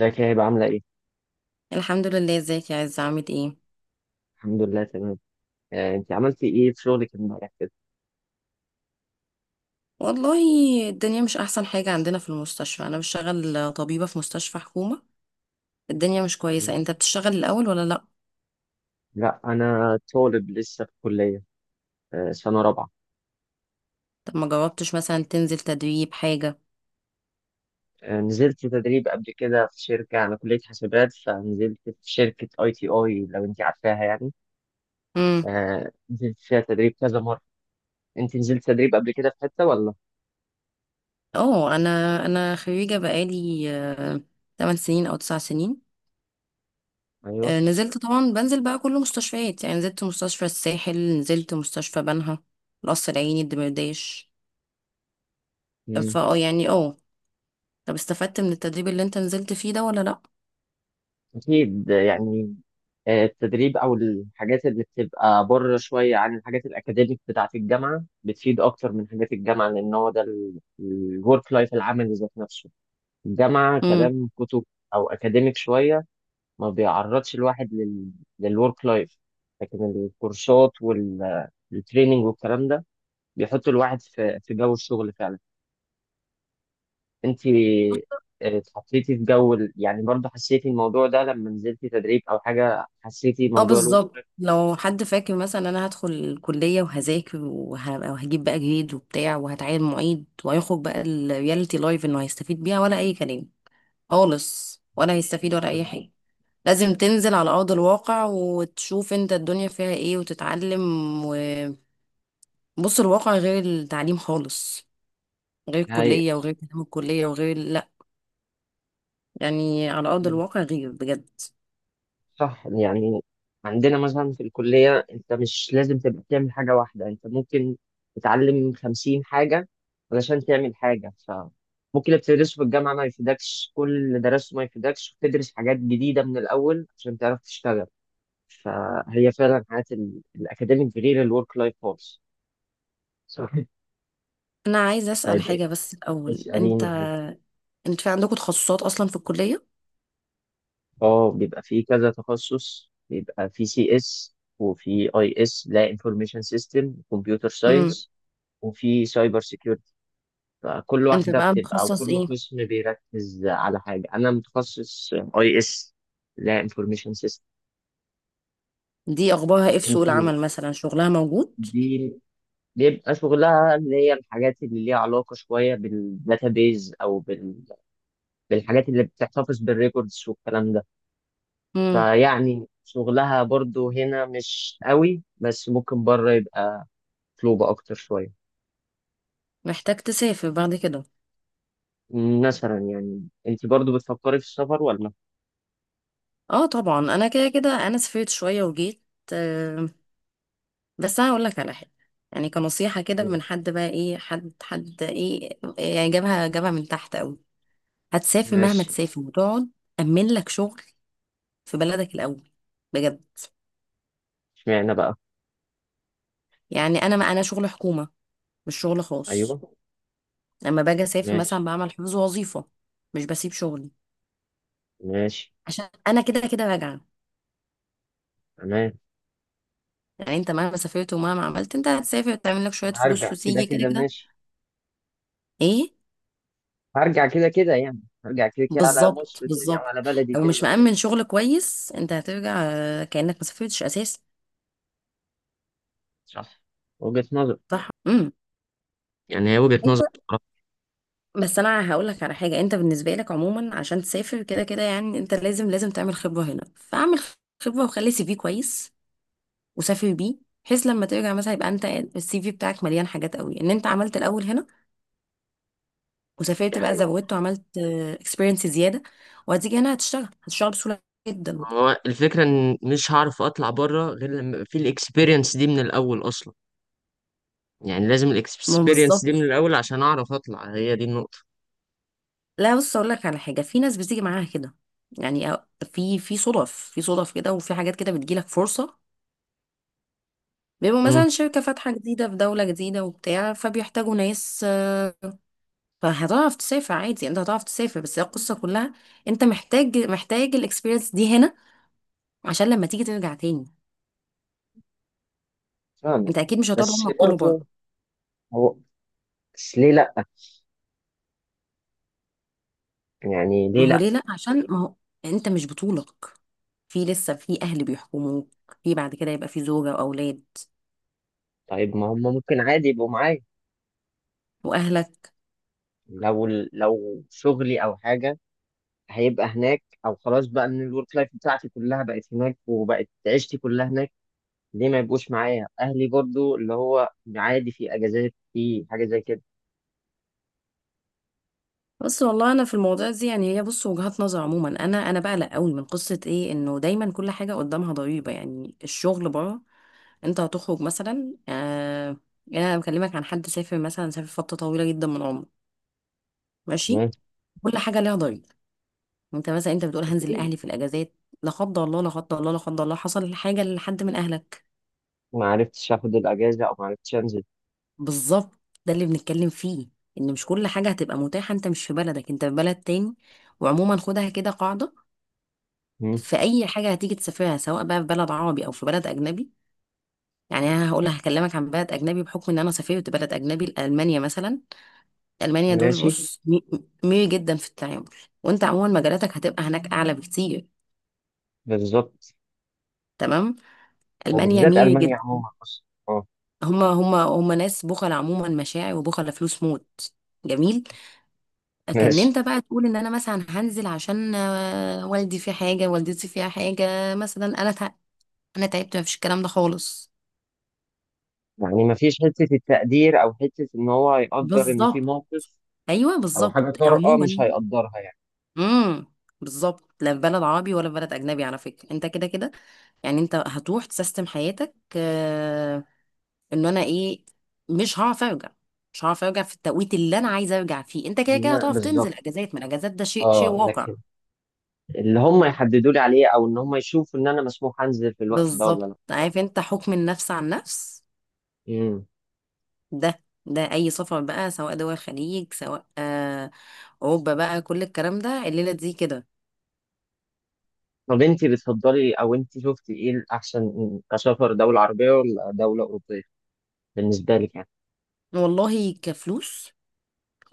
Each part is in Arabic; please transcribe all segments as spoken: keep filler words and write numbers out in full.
ازيك يا هبة، عاملة ايه؟ الحمد لله. ازيك يا عز؟ عامل ايه؟ الحمد لله، تمام. آه، انت عملتي ايه في شغلك امبارح كده؟ والله، الدنيا مش احسن حاجة عندنا في المستشفى، انا بشتغل طبيبة في مستشفى حكومة. الدنيا مش كويسة. أيوة. انت بتشتغل الاول ولا لا؟ لا، انا طالب لسه في كلية. آه، سنة رابعة. طب ما جربتش مثلا تنزل تدريب حاجة؟ آه، نزلت تدريب قبل كده في شركة. أنا كلية حاسبات، فنزلت في شركة اي تي اي، لو انت عارفاها يعني. امم. آه، نزلت فيها تدريب كذا مرة. انت نزلت تدريب قبل كده في حتة ولا؟ اه، انا انا خريجة بقالي، آه، ثماني سنين او تسعة سنين. ايوه. آه، نزلت طبعا، بنزل بقى كل مستشفيات، يعني نزلت مستشفى الساحل، نزلت مستشفى بنها، القصر العيني، الدمرداش. فاه يعني اه طب، استفدت من التدريب اللي انت نزلت فيه ده ولا أكيد يعني. آه، التدريب أو الحاجات اللي بتبقى بره شوية عن الحاجات الأكاديميك بتاعة الجامعة بتفيد أكتر من حاجات الجامعة، لأن هو ده الورك لايف العملي ذات نفسه. الجامعة لا؟ كلام كتب، أو أكاديميك شوية، ما بيعرضش الواحد لل للورك لايف. لكن الكورسات والتريننج والكلام ده بيحط الواحد في في جو الشغل فعلا. انت آه، اتحطيتي في جو ال- يعني، برضه حسيتي الموضوع ده لما نزلتي تدريب او حاجه، حسيتي اه، موضوع الورك بالظبط. لايف؟ لو حد فاكر مثلا انا هدخل الكليه وهذاكر وه- وهجيب بقى جريد وبتاع وهتعين معيد، وهيخرج بقى الرياليتي لايف انه هيستفيد بيها ولا اي كلام خالص، ولا هيستفيد ولا اي بالظبط. حاجه. لازم تنزل على ارض الواقع وتشوف انت الدنيا فيها ايه وتتعلم. وبص، الواقع غير التعليم خالص، غير هي الكليه وغير كلام الكليه وغير، لا، يعني على ارض الواقع غير بجد. صح يعني. عندنا مثلا في الكليه، انت مش لازم تبقى بتعمل حاجه واحده، انت ممكن تتعلم خمسين حاجه علشان تعمل حاجه. فممكن اللي بتدرسه في الجامعه ما يفيدكش، كل اللي درسته ما يفيدكش، وتدرس حاجات جديده من الاول عشان تعرف تشتغل. فهي فعلا حياه ال- الاكاديميك غير الورك لايف خالص. صح. انا عايزه اسال طيب، حاجه بس الاول انت. اسأليني حاجة. انت في عندكم تخصصات اصلا في الكليه؟ اه، بيبقى فيه كذا تخصص. بيبقى فيه سي اس، وفي اي اس، لا انفورميشن سيستم، كمبيوتر ساينس، وفي سايبر سيكيورتي. فكل انت واحدة بقى بتبقى، أو متخصص كل ايه؟ قسم بيركز على حاجة. أنا متخصص اي اس، لا انفورميشن سيستم. دي اخبارها ايه في سوق انت العمل، مثلا شغلها موجود؟ دي بيبقى شغلها اللي هي الحاجات اللي ليها علاقة شوية بالداتابيز، أو بال... بالحاجات اللي بتحتفظ بالريكوردز والكلام ده. امم. فيعني شغلها برضو هنا مش قوي، بس ممكن بره يبقى مطلوبة أكتر شوية. محتاج تسافر بعد كده؟ مثلا يعني، أنت برضو بتفكري في السفر ولا؟ اه طبعا، انا كده كده انا سافرت شويه وجيت. آه بس انا هقول لك على حاجه، يعني كنصيحه كده مم. من حد، بقى ايه، حد حد ايه، يعني جابها جابها من تحت قوي. هتسافر مهما ماشي. تسافر وتقعد، امن لك شغل في بلدك الاول، بجد. اشمعنى بقى؟ يعني انا، ما انا شغل حكومه مش شغل خاص، أيوه. لما باجي اسافر مثلا ماشي. بعمل حفظ وظيفه، مش بسيب شغلي ماشي. عشان انا كده كده راجعه. تمام. يعني انت مهما سافرت ومهما عملت، انت هتسافر تعمل لك شوية فلوس هرجع كده وتيجي كده كده، كده. ماشي. ايه. هرجع كده كده يعني. هرجع كده كده على بالظبط، مصر تاني، أو بالظبط. على بلدي لو تاني، مش أه. مأمن شغل كويس انت هترجع، آه، كأنك ما سافرتش اساسا. صح. وجهة نظر. صح. امم. يعني هي وجهة انت. نظر بصراحة. بس انا هقول لك على حاجة، انت بالنسبة لك عموما عشان تسافر كده كده يعني انت لازم لازم تعمل خبرة هنا، فاعمل خبرة وخلي سي في كويس وسافر بيه، بحيث لما ترجع مثلا يبقى انت السي في بتاعك مليان حاجات قوي، ان انت عملت الاول هنا دي وسافرت بقى، حقيقة. زودت وعملت اكسبيرينس زياده، وهتيجي هنا هتشتغل هتشتغل بسهوله جدا. هو الفكرة إن مش هعرف أطلع بره غير لما يبقى في الإكسبيرينس دي من الأول أصلا. يعني لازم ما الاكسبيرينس دي بالظبط. من الاول عشان اعرف اطلع، هي دي النقطة. لا، بص اقول لك على حاجه، في ناس بتيجي معاها كده، يعني. أو- في في صدف، في صدف كده، وفي حاجات كده بتجيلك فرصه، بيبقوا مم. مثلا شركه فاتحه جديده في دوله جديده وبتاع، فبيحتاجوا ناس آه، فهتعرف تسافر عادي، انت هتعرف تسافر، بس هي القصه كلها انت محتاج محتاج الاكسبيرينس دي هنا عشان لما تيجي ترجع تاني. فاهمك. انت اكيد مش هتقعد بس عمرك كله. برضه هو بس ليه لأ؟ يعني ما ليه هو لأ؟ ليه لا؟ عشان ما هو انت مش بطولك، في لسه، في اهل بيحكموك، في بعد كده يبقى في زوجة واولاد طيب، ما هم ممكن عادي يبقوا معايا. واهلك. لو لو شغلي أو حاجة هيبقى هناك، أو خلاص بقى إن الورك لايف بتاعتي كلها بقت هناك، وبقت عيشتي كلها هناك. ليه ما يبقوش معايا أهلي برضه؟ اللي هو عادي، في أجازات، في حاجة زي كده. بس والله، انا في الموضوع دي يعني، هي بص وجهات نظر عموما، انا انا بقلق قوي من قصة ايه، انه دايما كل حاجة قدامها ضريبة، يعني الشغل بره. انت هتخرج مثلا آه يعني انا بكلمك عن حد سافر، مثلا سافر فترة طويلة جدا من عمره. ماشي. تمام. كل حاجة ليها ضريبة. انت مثلا، انت بتقول هنزل أكيد. لاهلي في الاجازات، لا قدر الله، لا قدر الله، لا قدر الله، حصل حاجة لحد من اهلك. ما عرفتش آخد الأجازة، أو ما عرفتش أنزل. بالظبط، ده اللي بنتكلم فيه، ان مش كل حاجة هتبقى متاحة، انت مش في بلدك، انت في بلد تاني. وعموما خدها كده قاعدة، مم. في اي حاجة هتيجي تسافرها، سواء بقى في بلد عربي او في بلد اجنبي. يعني انا هقول هكلمك عن بلد اجنبي، بحكم ان انا سافرت بلد اجنبي، المانيا مثلا. المانيا دول ماشي. بص، مي- ميري جدا في التعامل، وانت عموما مجالاتك هتبقى هناك اعلى بكتير. بالظبط. تمام. المانيا وبالذات ميري ألمانيا جدا، عموما أصلا، أه. هما هما هما ناس بخل عموما، مشاعر، وبخل فلوس موت. جميل. كان ماشي. انت بقى تقول ان انا مثلا هنزل عشان آه، والدي في حاجه، والدتي فيها حاجه مثلا، انا تع... انا تعبت، مفيش الكلام ده خالص. يعني مفيش حتة التقدير، أو حتة إن هو يقدر إن في بالظبط، موقف، ايوه أو بالظبط حاجة طارئة مش عموما. هيقدرها يعني. امم. بالظبط، لا في بلد عربي ولا في بلد اجنبي، على فكره انت كده كده، يعني انت هتروح تسيستم حياتك آه... ان انا ايه، مش هعرف ارجع، مش هعرف ارجع في التوقيت اللي انا عايزه ارجع فيه، انت كده كده لا، هتقف بالظبط. تنزل اجازات من الاجازات، ده شيء شيء أه واقع. لكن اللي هم يحددوا لي عليه، أو إن هم يشوفوا إن أنا مسموح أنزل في الوقت ده ولا بالظبط، لأ. عارف انت، حكم النفس عن نفس، مم. ده ده اي سفر بقى، سواء دول الخليج، سواء آه اوروبا بقى، كل الكلام ده الليله دي كده. طب أنت بتفضلي، أو أنت شفتي إيه الأحسن، كسفر دولة عربية ولا دولة أوروبية، بالنسبة لك يعني؟ والله كفلوس،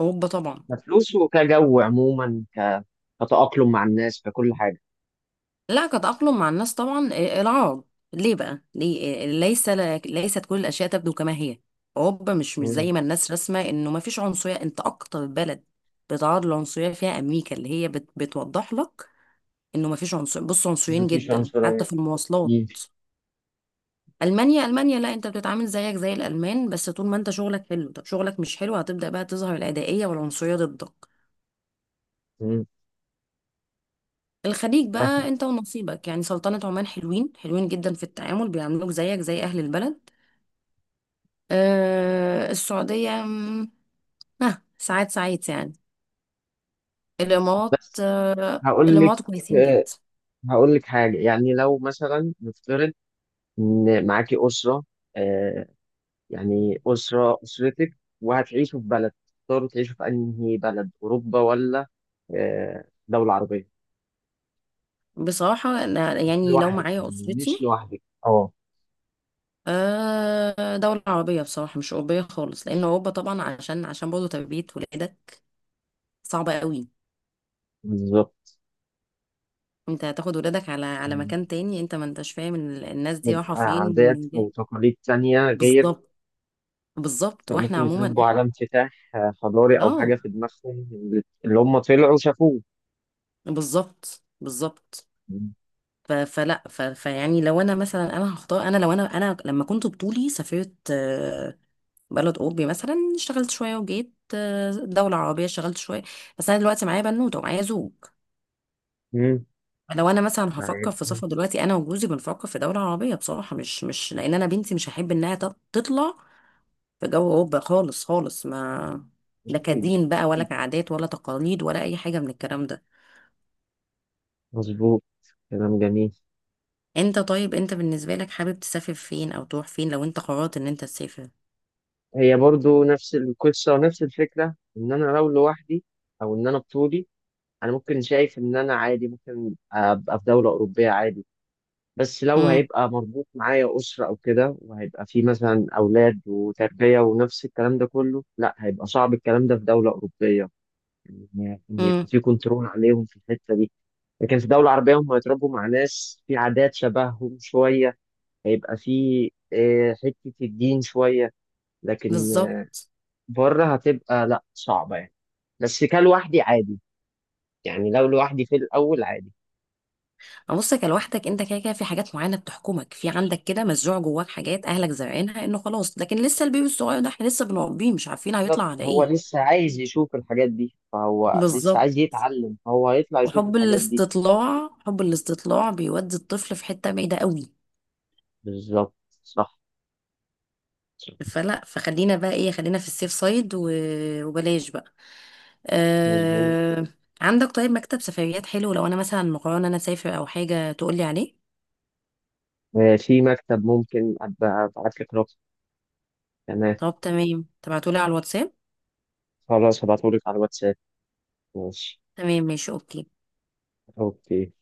اوروبا طبعا. كفلوس، وكجو عموما، ك... كتأقلم مع الناس، ككل حاجة. لا، كتأقلم مع الناس طبعا، آه، العرب. ليه بقى، ليه؟ آه، ليس، ليست كل الاشياء تبدو كما هي. اوروبا مش مش مم. زي ما الناس رسمه، انه ما فيش عنصريه، انت اكتر بلد بتعرض للعنصريه فيها امريكا، اللي هي بت بتوضح لك انه ما فيش عنصر، بص عنصريين مفيش جدا عنصرية. حتى في المواصلات. مم. المانيا المانيا، لا انت بتتعامل زيك زي الالمان، بس طول ما انت شغلك حلو، طب شغلك مش حلو هتبدا بقى تظهر العدائيه والعنصريه ضدك. مم. الخليج بقى انت ونصيبك، يعني سلطنه عمان، حلوين حلوين جدا في التعامل، بيعاملوك زيك زي اهل البلد. آه السعوديه، مم، ها، ساعات ساعات يعني. الامارات، بس آه هقول لك الامارات كويسين آه، جدا. هقول لك حاجة. يعني لو مثلا نفترض إن معاكي أسرة، آه، يعني أسرة أسرتك، وهتعيشوا في بلد، تختاروا تعيشوا في أنهي بلد، أوروبا ولا آه، دولة عربية؟ بصراحه أنا، مش يعني لو لوحدك معايا يعني، اسرتي، مش لوحدك، أه. آه دولة عربية بصراحة، مش أوروبية خالص، لأن أوروبا طبعا، عشان عشان برضه تربية ولادك صعبة قوي. بالظبط. انت هتاخد ولادك على على يعني مكان تاني، انت ما انتش فاهم ال- الناس دي رايحه بيبقى فين عادات ومنين جاية. وتقاليد تانية غير. بالظبط، بالظبط، واحنا فممكن عموما يتربوا احنا. على انفتاح آه، حضاري، أو حاجة اه في دماغهم اللي اللي هم طلعوا شافوه. بالظبط، بالظبط، ف... فلا ف... فيعني لو انا مثلا انا هختار، انا لو انا انا لما كنت بطولي سافرت، آه، بلد اوروبي مثلا اشتغلت شويه وجيت، آه، دولة عربية اشتغلت شوية. بس أنا دلوقتي معايا بنوتة ومعايا زوج، مم. لو أنا مثلا هفكر طيب. في سفر دلوقتي، أنا وجوزي بنفكر في دولة عربية بصراحة، مش مش لأن أنا بنتي مش هحب إنها تط- تطلع في جو اوروبا، خالص خالص، ما، لا أكيد. كدين بقى، ولا كعادات ولا تقاليد ولا اي حاجه من الكلام ده. مظبوط. كلام جميل. انت، طيب، انت بالنسبه لك حابب تسافر فين او تروح فين لو انت قررت ان انت تسافر؟ هي برضو نفس القصة ونفس الفكرة، إن أنا لو لوحدي، أو إن أنا بطولي، أنا ممكن شايف إن أنا عادي، ممكن أبقى في دولة أوروبية عادي. بس لو امم، هيبقى مربوط معايا أسرة أو كده، وهيبقى في مثلا أولاد وتربية ونفس الكلام ده كله، لا، هيبقى صعب الكلام ده في دولة أوروبية. إن إن يبقى امم، في كنترول عليهم في الحتة دي. لكن في دولة عربية هم هيتربوا مع ناس في عادات شبههم شوية، هيبقى في آه، حتة الدين شوية. لكن بالظبط. بره هتبقى لا، صعبة يعني. بس كلوحدي عادي، يعني لو لوحدي في الأول عادي. بصك لوحدك انت كده كده، في حاجات معينه بتحكمك، في عندك كده مزروع جواك حاجات اهلك زارعينها، انه خلاص، لكن لسه البيبي الصغير ده احنا لسه بنربيه، مش عارفين هيطلع بالظبط. على هو ايه. لسه عايز يشوف الحاجات دي، فهو لسه بالظبط، عايز يتعلم، فهو هيطلع يشوف وحب الحاجات دي. الاستطلاع، حب الاستطلاع بيودي الطفل في حته بعيده قوي. بالظبط. صح. صح. فلا، فخلينا بقى ايه، خلينا في السيف سايد و... وبلاش بقى، مظبوط. أه... عندك طيب مكتب سفريات حلو لو انا مثلا مقررة ان انا اسافر او حاجة تقولي عليه؟ آه، في مكتب، ممكن أبقى أبعت لك رقم. تمام. طب تمام، تبعتولي على الواتساب. خلاص، هبعتهولك على الواتساب. ماشي. تمام، ماشي، اوكي. أوكي.